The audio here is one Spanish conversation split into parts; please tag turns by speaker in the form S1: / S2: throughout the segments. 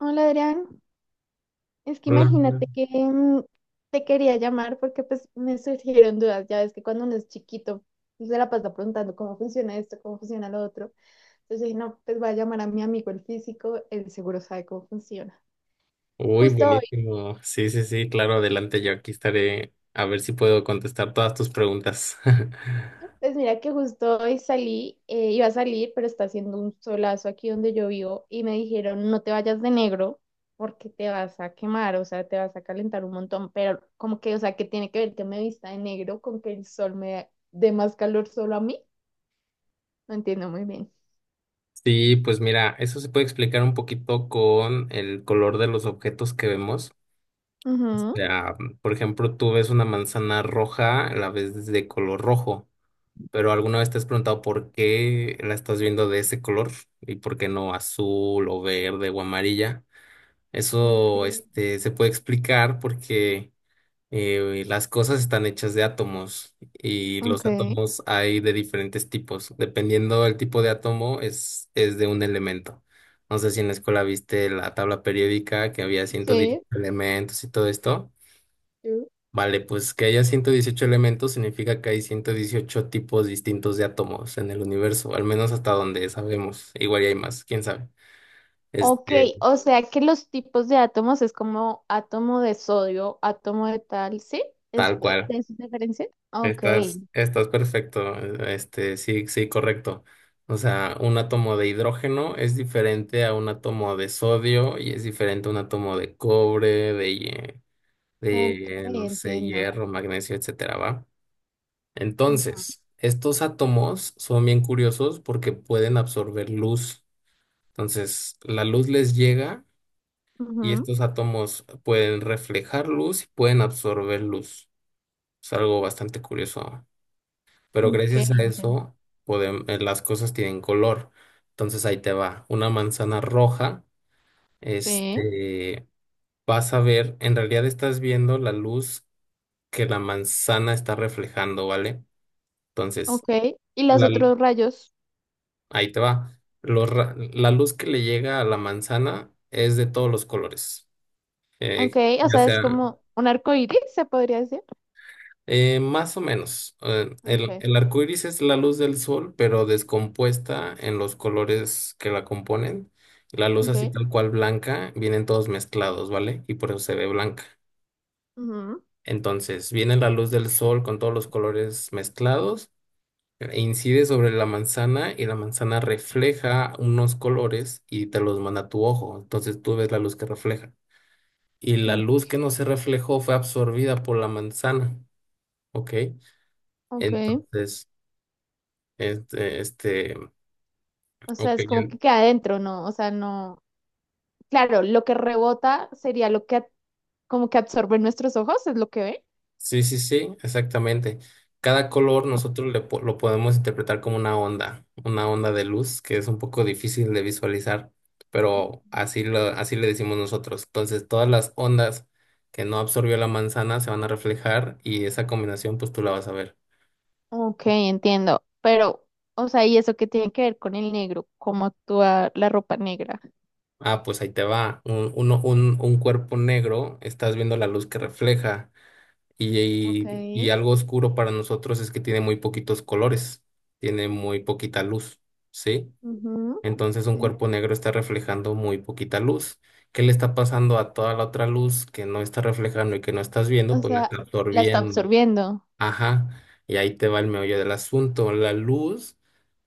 S1: Hola Adrián, es que
S2: Hola.
S1: imagínate que te quería llamar porque pues me surgieron dudas, ya ves que cuando uno es chiquito pues, se la pasa preguntando cómo funciona esto, cómo funciona lo otro, entonces dije, no, pues voy a llamar a mi amigo el físico, él seguro sabe cómo funciona.
S2: Uy,
S1: Justo hoy,
S2: buenísimo. Sí, sí, sí, claro, adelante, yo aquí estaré a ver si puedo contestar todas tus preguntas.
S1: pues mira que justo hoy salí, iba a salir, pero está haciendo un solazo aquí donde yo vivo y me dijeron, no te vayas de negro porque te vas a quemar, o sea, te vas a calentar un montón, pero como que, o sea, ¿qué tiene que ver que me vista de negro con que el sol me dé más calor solo a mí? No entiendo muy bien.
S2: Sí, pues mira, eso se puede explicar un poquito con el color de los objetos que vemos. O
S1: Ujú.
S2: sea, por ejemplo, tú ves una manzana roja, la ves de color rojo, pero alguna vez te has preguntado por qué la estás viendo de ese color y por qué no azul o verde o amarilla.
S1: Ok,
S2: Eso, se puede explicar porque las cosas están hechas de átomos y
S1: ok.
S2: los átomos hay de diferentes tipos. Dependiendo del tipo de átomo, es de un elemento. No sé si en la escuela viste la tabla periódica que había 118
S1: Sí.
S2: elementos y todo esto.
S1: Sí.
S2: Vale, pues que haya 118 elementos significa que hay 118 tipos distintos de átomos en el universo, al menos hasta donde sabemos. Igual y hay más, quién sabe.
S1: Ok,
S2: Este,
S1: o sea que los tipos de átomos es como átomo de sodio, átomo de tal, ¿sí? ¿Es
S2: tal
S1: de
S2: cual.
S1: esa diferencia? Ok.
S2: Estás perfecto, sí, sí, correcto. O sea, un átomo de hidrógeno es diferente a un átomo de sodio y es diferente a un átomo de cobre,
S1: Ok,
S2: de, no sé,
S1: entiendo.
S2: hierro, magnesio, etcétera, ¿va?
S1: Ujú,
S2: Entonces, estos átomos son bien curiosos porque pueden absorber luz. Entonces, la luz les llega y
S1: ujú.
S2: estos átomos pueden reflejar luz y pueden absorber luz. Es algo bastante curioso. Pero
S1: Ok,
S2: gracias a
S1: entiendo.
S2: eso, las cosas tienen color. Entonces ahí te va. Una manzana roja,
S1: Sí,
S2: este, vas a ver, en realidad estás viendo la luz que la manzana está reflejando, ¿vale? Entonces,
S1: ok. ¿Y los
S2: la, lu-
S1: otros rayos?
S2: ahí te va. La luz que le llega a la manzana es de todos los colores.
S1: Ok,
S2: eh,
S1: o
S2: ya
S1: sea, es
S2: sea,
S1: como un arco iris, se podría decir.
S2: Más o menos.
S1: Ok,
S2: El arco iris es la luz del sol, pero descompuesta en los colores que la componen. La luz
S1: ok.
S2: así tal cual blanca, vienen todos mezclados, ¿vale? Y por eso se ve blanca.
S1: Ujú.
S2: Entonces, viene la luz del sol con todos los colores mezclados, e incide sobre la manzana y la manzana refleja unos colores y te los manda a tu ojo. Entonces, tú ves la luz que refleja. Y la
S1: Mm.
S2: luz que no se reflejó fue absorbida por la manzana, ¿ok?
S1: Ok.
S2: Entonces... Este, este,
S1: O sea,
S2: ok,
S1: es
S2: ya-
S1: como que queda adentro, ¿no? O sea, no. Claro, lo que rebota sería lo que a- como que absorbe nuestros ojos, es lo que ve.
S2: sí, sí, sí, exactamente. Cada color nosotros lo podemos interpretar como una onda de luz que es un poco difícil de visualizar, pero así lo, así le decimos nosotros. Entonces, todas las ondas que no absorbió la manzana se van a reflejar y esa combinación, pues tú la vas a ver.
S1: Ok, entiendo. Pero, o sea, ¿y eso qué tiene que ver con el negro? ¿Cómo actúa la ropa negra?
S2: Ah, pues ahí te va. Un cuerpo negro, estás viendo la luz que refleja.
S1: Ok.
S2: Y algo oscuro para nosotros es que tiene muy poquitos colores, tiene muy poquita luz, ¿sí?
S1: Ujú.
S2: Entonces un
S1: Sí.
S2: cuerpo negro está reflejando muy poquita luz. ¿Qué le está pasando a toda la otra luz que no está reflejando y que no estás viendo?
S1: O
S2: Pues la
S1: sea,
S2: está
S1: la está
S2: absorbiendo.
S1: absorbiendo.
S2: Ajá, y ahí te va el meollo del asunto. La luz,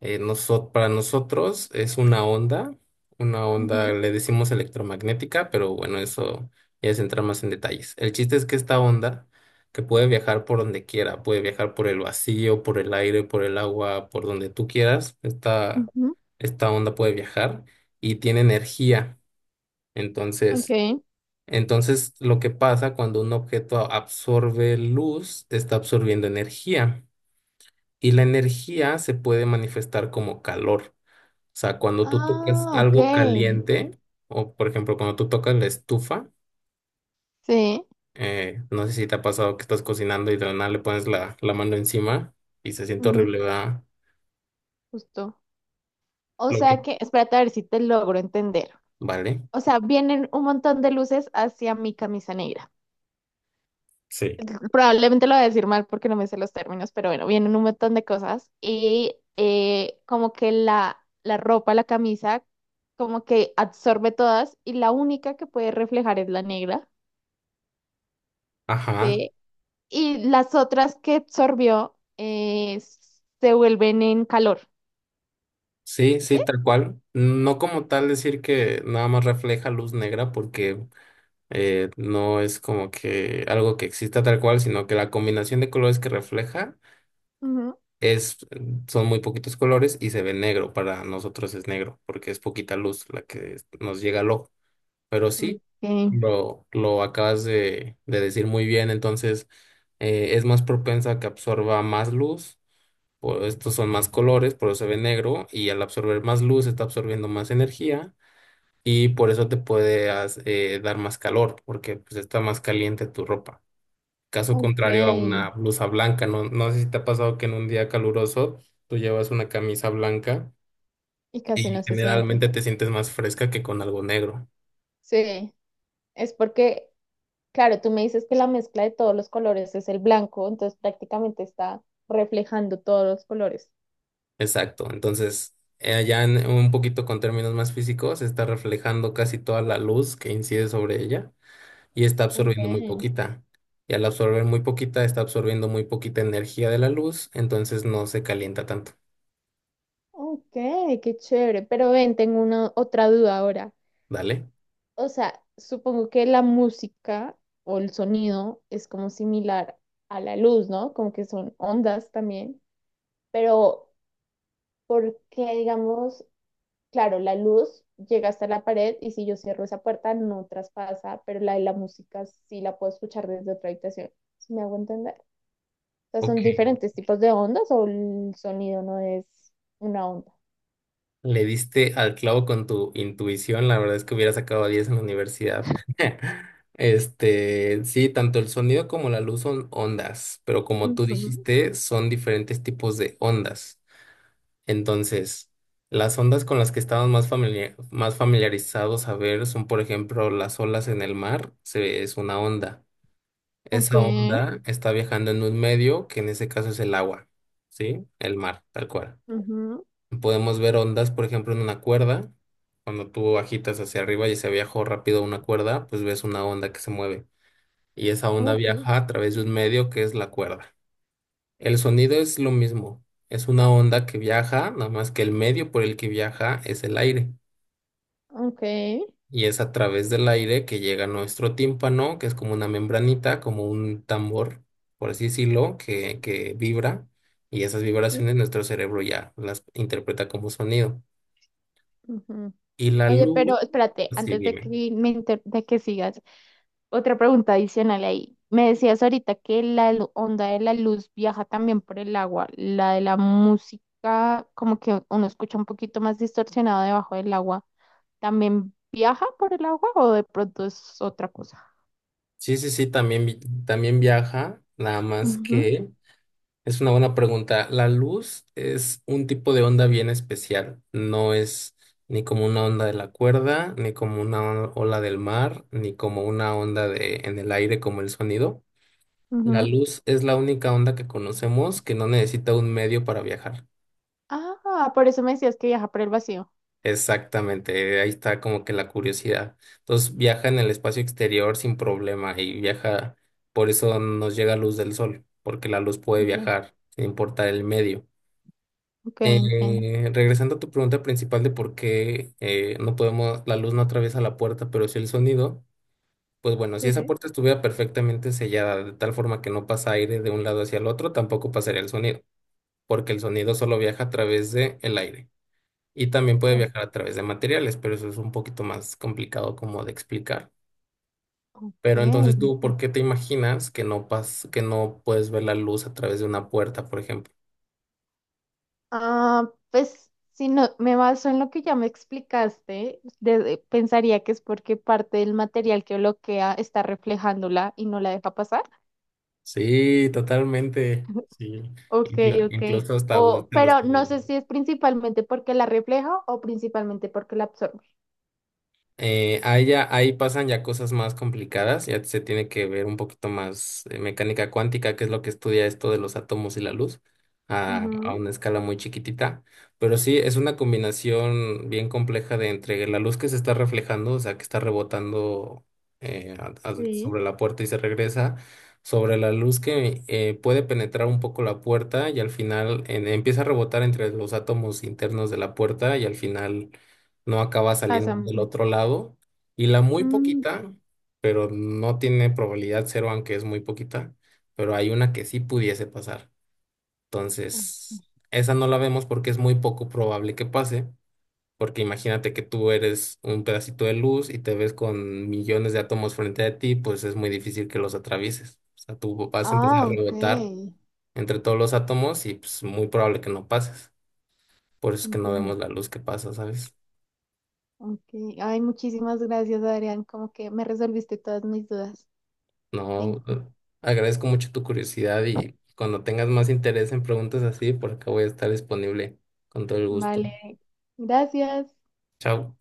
S2: para nosotros es una onda,
S1: Ujú,
S2: le decimos electromagnética, pero bueno, eso ya es entrar más en detalles. El chiste es que esta onda, que puede viajar por donde quiera, puede viajar por el vacío, por el aire, por el agua, por donde tú quieras,
S1: ujú.
S2: esta onda puede viajar y tiene energía. Entonces...
S1: Ok.
S2: Entonces, lo que pasa cuando un objeto absorbe luz, está absorbiendo energía y la energía se puede manifestar como calor. O sea, cuando tú tocas
S1: Ah, ok.
S2: algo caliente, o por ejemplo, cuando tú tocas la estufa,
S1: Sí.
S2: no sé si te ha pasado que estás cocinando y de la nada le pones la mano encima y se siente
S1: Ujú.
S2: horrible, ¿verdad?
S1: Justo. O
S2: Lo
S1: sea
S2: que,
S1: que, espérate a ver si te logro entender.
S2: vale.
S1: O sea, vienen un montón de luces hacia mi camisa negra.
S2: Sí.
S1: Probablemente lo voy a decir mal porque no me sé los términos, pero bueno, vienen un montón de cosas y como que la ropa, la camisa, como que absorbe todas y la única que puede reflejar es la negra.
S2: Ajá,
S1: Sí. Y las otras que absorbió se vuelven en calor,
S2: sí, sí,
S1: ¿sí?
S2: tal cual. No como tal decir que nada más refleja luz negra, porque no es como que algo que exista tal cual, sino que la combinación de colores que refleja
S1: Ujú.
S2: es, son muy poquitos colores y se ve negro. Para nosotros es negro, porque es poquita luz la que nos llega al ojo. Pero sí,
S1: Ok,
S2: lo acabas de decir muy bien, entonces es más propensa a que absorba más luz, o estos son más colores, por eso se ve negro, y al absorber más luz está absorbiendo más energía, y por eso te dar más calor, porque pues está más caliente tu ropa. Caso contrario a
S1: ok.
S2: una blusa blanca, no sé si te ha pasado que en un día caluroso tú llevas una camisa blanca
S1: Y casi
S2: y
S1: no se siente.
S2: generalmente te sientes más fresca que con algo negro.
S1: Sí, es porque, claro, tú me dices que la mezcla de todos los colores es el blanco, entonces prácticamente está reflejando todos los colores.
S2: Exacto, entonces un poquito con términos más físicos está reflejando casi toda la luz que incide sobre ella y está
S1: Ok,
S2: absorbiendo muy poquita. Y al absorber muy poquita, está absorbiendo muy poquita energía de la luz, entonces no se calienta tanto.
S1: ok, qué chévere. Pero ven, tengo una otra duda ahora.
S2: Dale.
S1: O sea, supongo que la música o el sonido es como similar a la luz, ¿no? Como que son ondas también, pero porque, digamos, claro, la luz llega hasta la pared y si yo cierro esa puerta no traspasa, pero la de la música sí la puedo escuchar desde otra habitación. ¿Sí me hago entender? O sea,
S2: Ok.
S1: son diferentes tipos de ondas o el sonido no es una onda.
S2: Le diste al clavo con tu intuición, la verdad es que hubiera sacado 10 en la universidad. Este, sí, tanto el sonido como la luz son ondas, pero como tú
S1: Ujú.
S2: dijiste, son diferentes tipos de ondas. Entonces, las ondas con las que estamos más familiarizados a ver son, por ejemplo, las olas en el mar, es una onda.
S1: Ok,
S2: Esa onda está viajando en un medio que en ese caso es el agua, ¿sí? El mar, tal cual.
S1: ujú,
S2: Podemos ver ondas, por ejemplo, en una cuerda. Cuando tú agitas hacia arriba y se viajó rápido una cuerda, pues ves una onda que se mueve. Y esa onda
S1: ok,
S2: viaja a través de un medio que es la cuerda. El sonido es lo mismo. Es una onda que viaja, nada más que el medio por el que viaja es el aire.
S1: ok,
S2: Y es a través del aire que llega a nuestro tímpano, que es como una membranita, como un tambor, por así decirlo, que vibra. Y esas
S1: sí.
S2: vibraciones nuestro cerebro ya las interpreta como sonido.
S1: Ujú.
S2: Y la
S1: Oye,
S2: luz,
S1: pero espérate,
S2: sí,
S1: antes de
S2: dime.
S1: que me inter- de que sigas, otra pregunta adicional ahí. Me decías ahorita que la lu- onda de la luz viaja también por el agua, la de la música, como que uno escucha un poquito más distorsionado debajo del agua, ¿también viaja por el agua o de pronto es otra cosa?
S2: Sí, sí, sí, también, también viaja, nada más
S1: Ujú,
S2: que es una buena pregunta. La luz es un tipo de onda bien especial, no es ni como una onda de la cuerda, ni como una on- ola del mar, ni como una onda de, en el aire como el sonido. La
S1: ujú.
S2: luz es la única onda que conocemos que no necesita un medio para viajar.
S1: Ah, por eso me decías que viaja por el vacío.
S2: Exactamente, ahí está como que la curiosidad. Entonces viaja en el espacio exterior sin problema y viaja, por eso nos llega luz del sol, porque la luz puede
S1: Ok,
S2: viajar sin importar el medio.
S1: ok, entiendo.
S2: Regresando a tu pregunta principal de por qué la luz no atraviesa la puerta, pero sí el sonido, pues bueno, si esa
S1: Sí.
S2: puerta estuviera perfectamente sellada de tal forma que no pasa aire de un lado hacia el otro, tampoco pasaría el sonido, porque el sonido solo viaja a través de el aire y también puede viajar a través de materiales, pero eso es un poquito más complicado como de explicar.
S1: Ok.
S2: Pero entonces tú, ¿por qué te imaginas que no pas que no puedes ver la luz a través de una puerta, por ejemplo?
S1: Ah, pues si no me baso en lo que ya me explicaste, de- pensaría que es porque parte del material que bloquea está reflejándola y no la deja pasar.
S2: Sí, totalmente. Sí.
S1: Ok, ok.
S2: Incluso hasta
S1: O,
S2: usted los...
S1: pero no sé si es principalmente porque la refleja o principalmente porque la absorbe.
S2: Ahí pasan ya cosas más complicadas, ya se tiene que ver un poquito más mecánica cuántica, que es lo que estudia esto de los átomos y la luz, a
S1: Ujú,
S2: una escala muy chiquitita. Pero sí, es una combinación bien compleja de entre la luz que se está reflejando, o sea, que está rebotando
S1: sí,
S2: sobre la puerta y se regresa, sobre la luz que puede penetrar un poco la puerta y al final empieza a rebotar entre los átomos internos de la puerta y al final no acaba saliendo
S1: pasa un
S2: del
S1: poquito.
S2: otro lado. Y la muy
S1: Mm,
S2: poquita, pero no tiene probabilidad 0, aunque es muy poquita, pero hay una que sí pudiese pasar.
S1: ok.
S2: Entonces, esa no la vemos porque es muy poco probable que pase, porque imagínate que tú eres un pedacito de luz y te ves con millones de átomos frente a ti, pues es muy difícil que los atravieses. O sea, tú vas a empezar a
S1: Ah, ok,
S2: rebotar entre todos los átomos y pues muy probable que no pases. Por eso es que no
S1: entiendo.
S2: vemos la luz que pasa, ¿sabes?
S1: Okay. Ay, muchísimas gracias, Adrián. Como que me resolviste todas mis dudas. Thank
S2: No,
S1: you.
S2: agradezco mucho tu curiosidad y cuando tengas más interés en preguntas así, por acá voy a estar disponible con todo el gusto.
S1: Vale, gracias.
S2: Chao.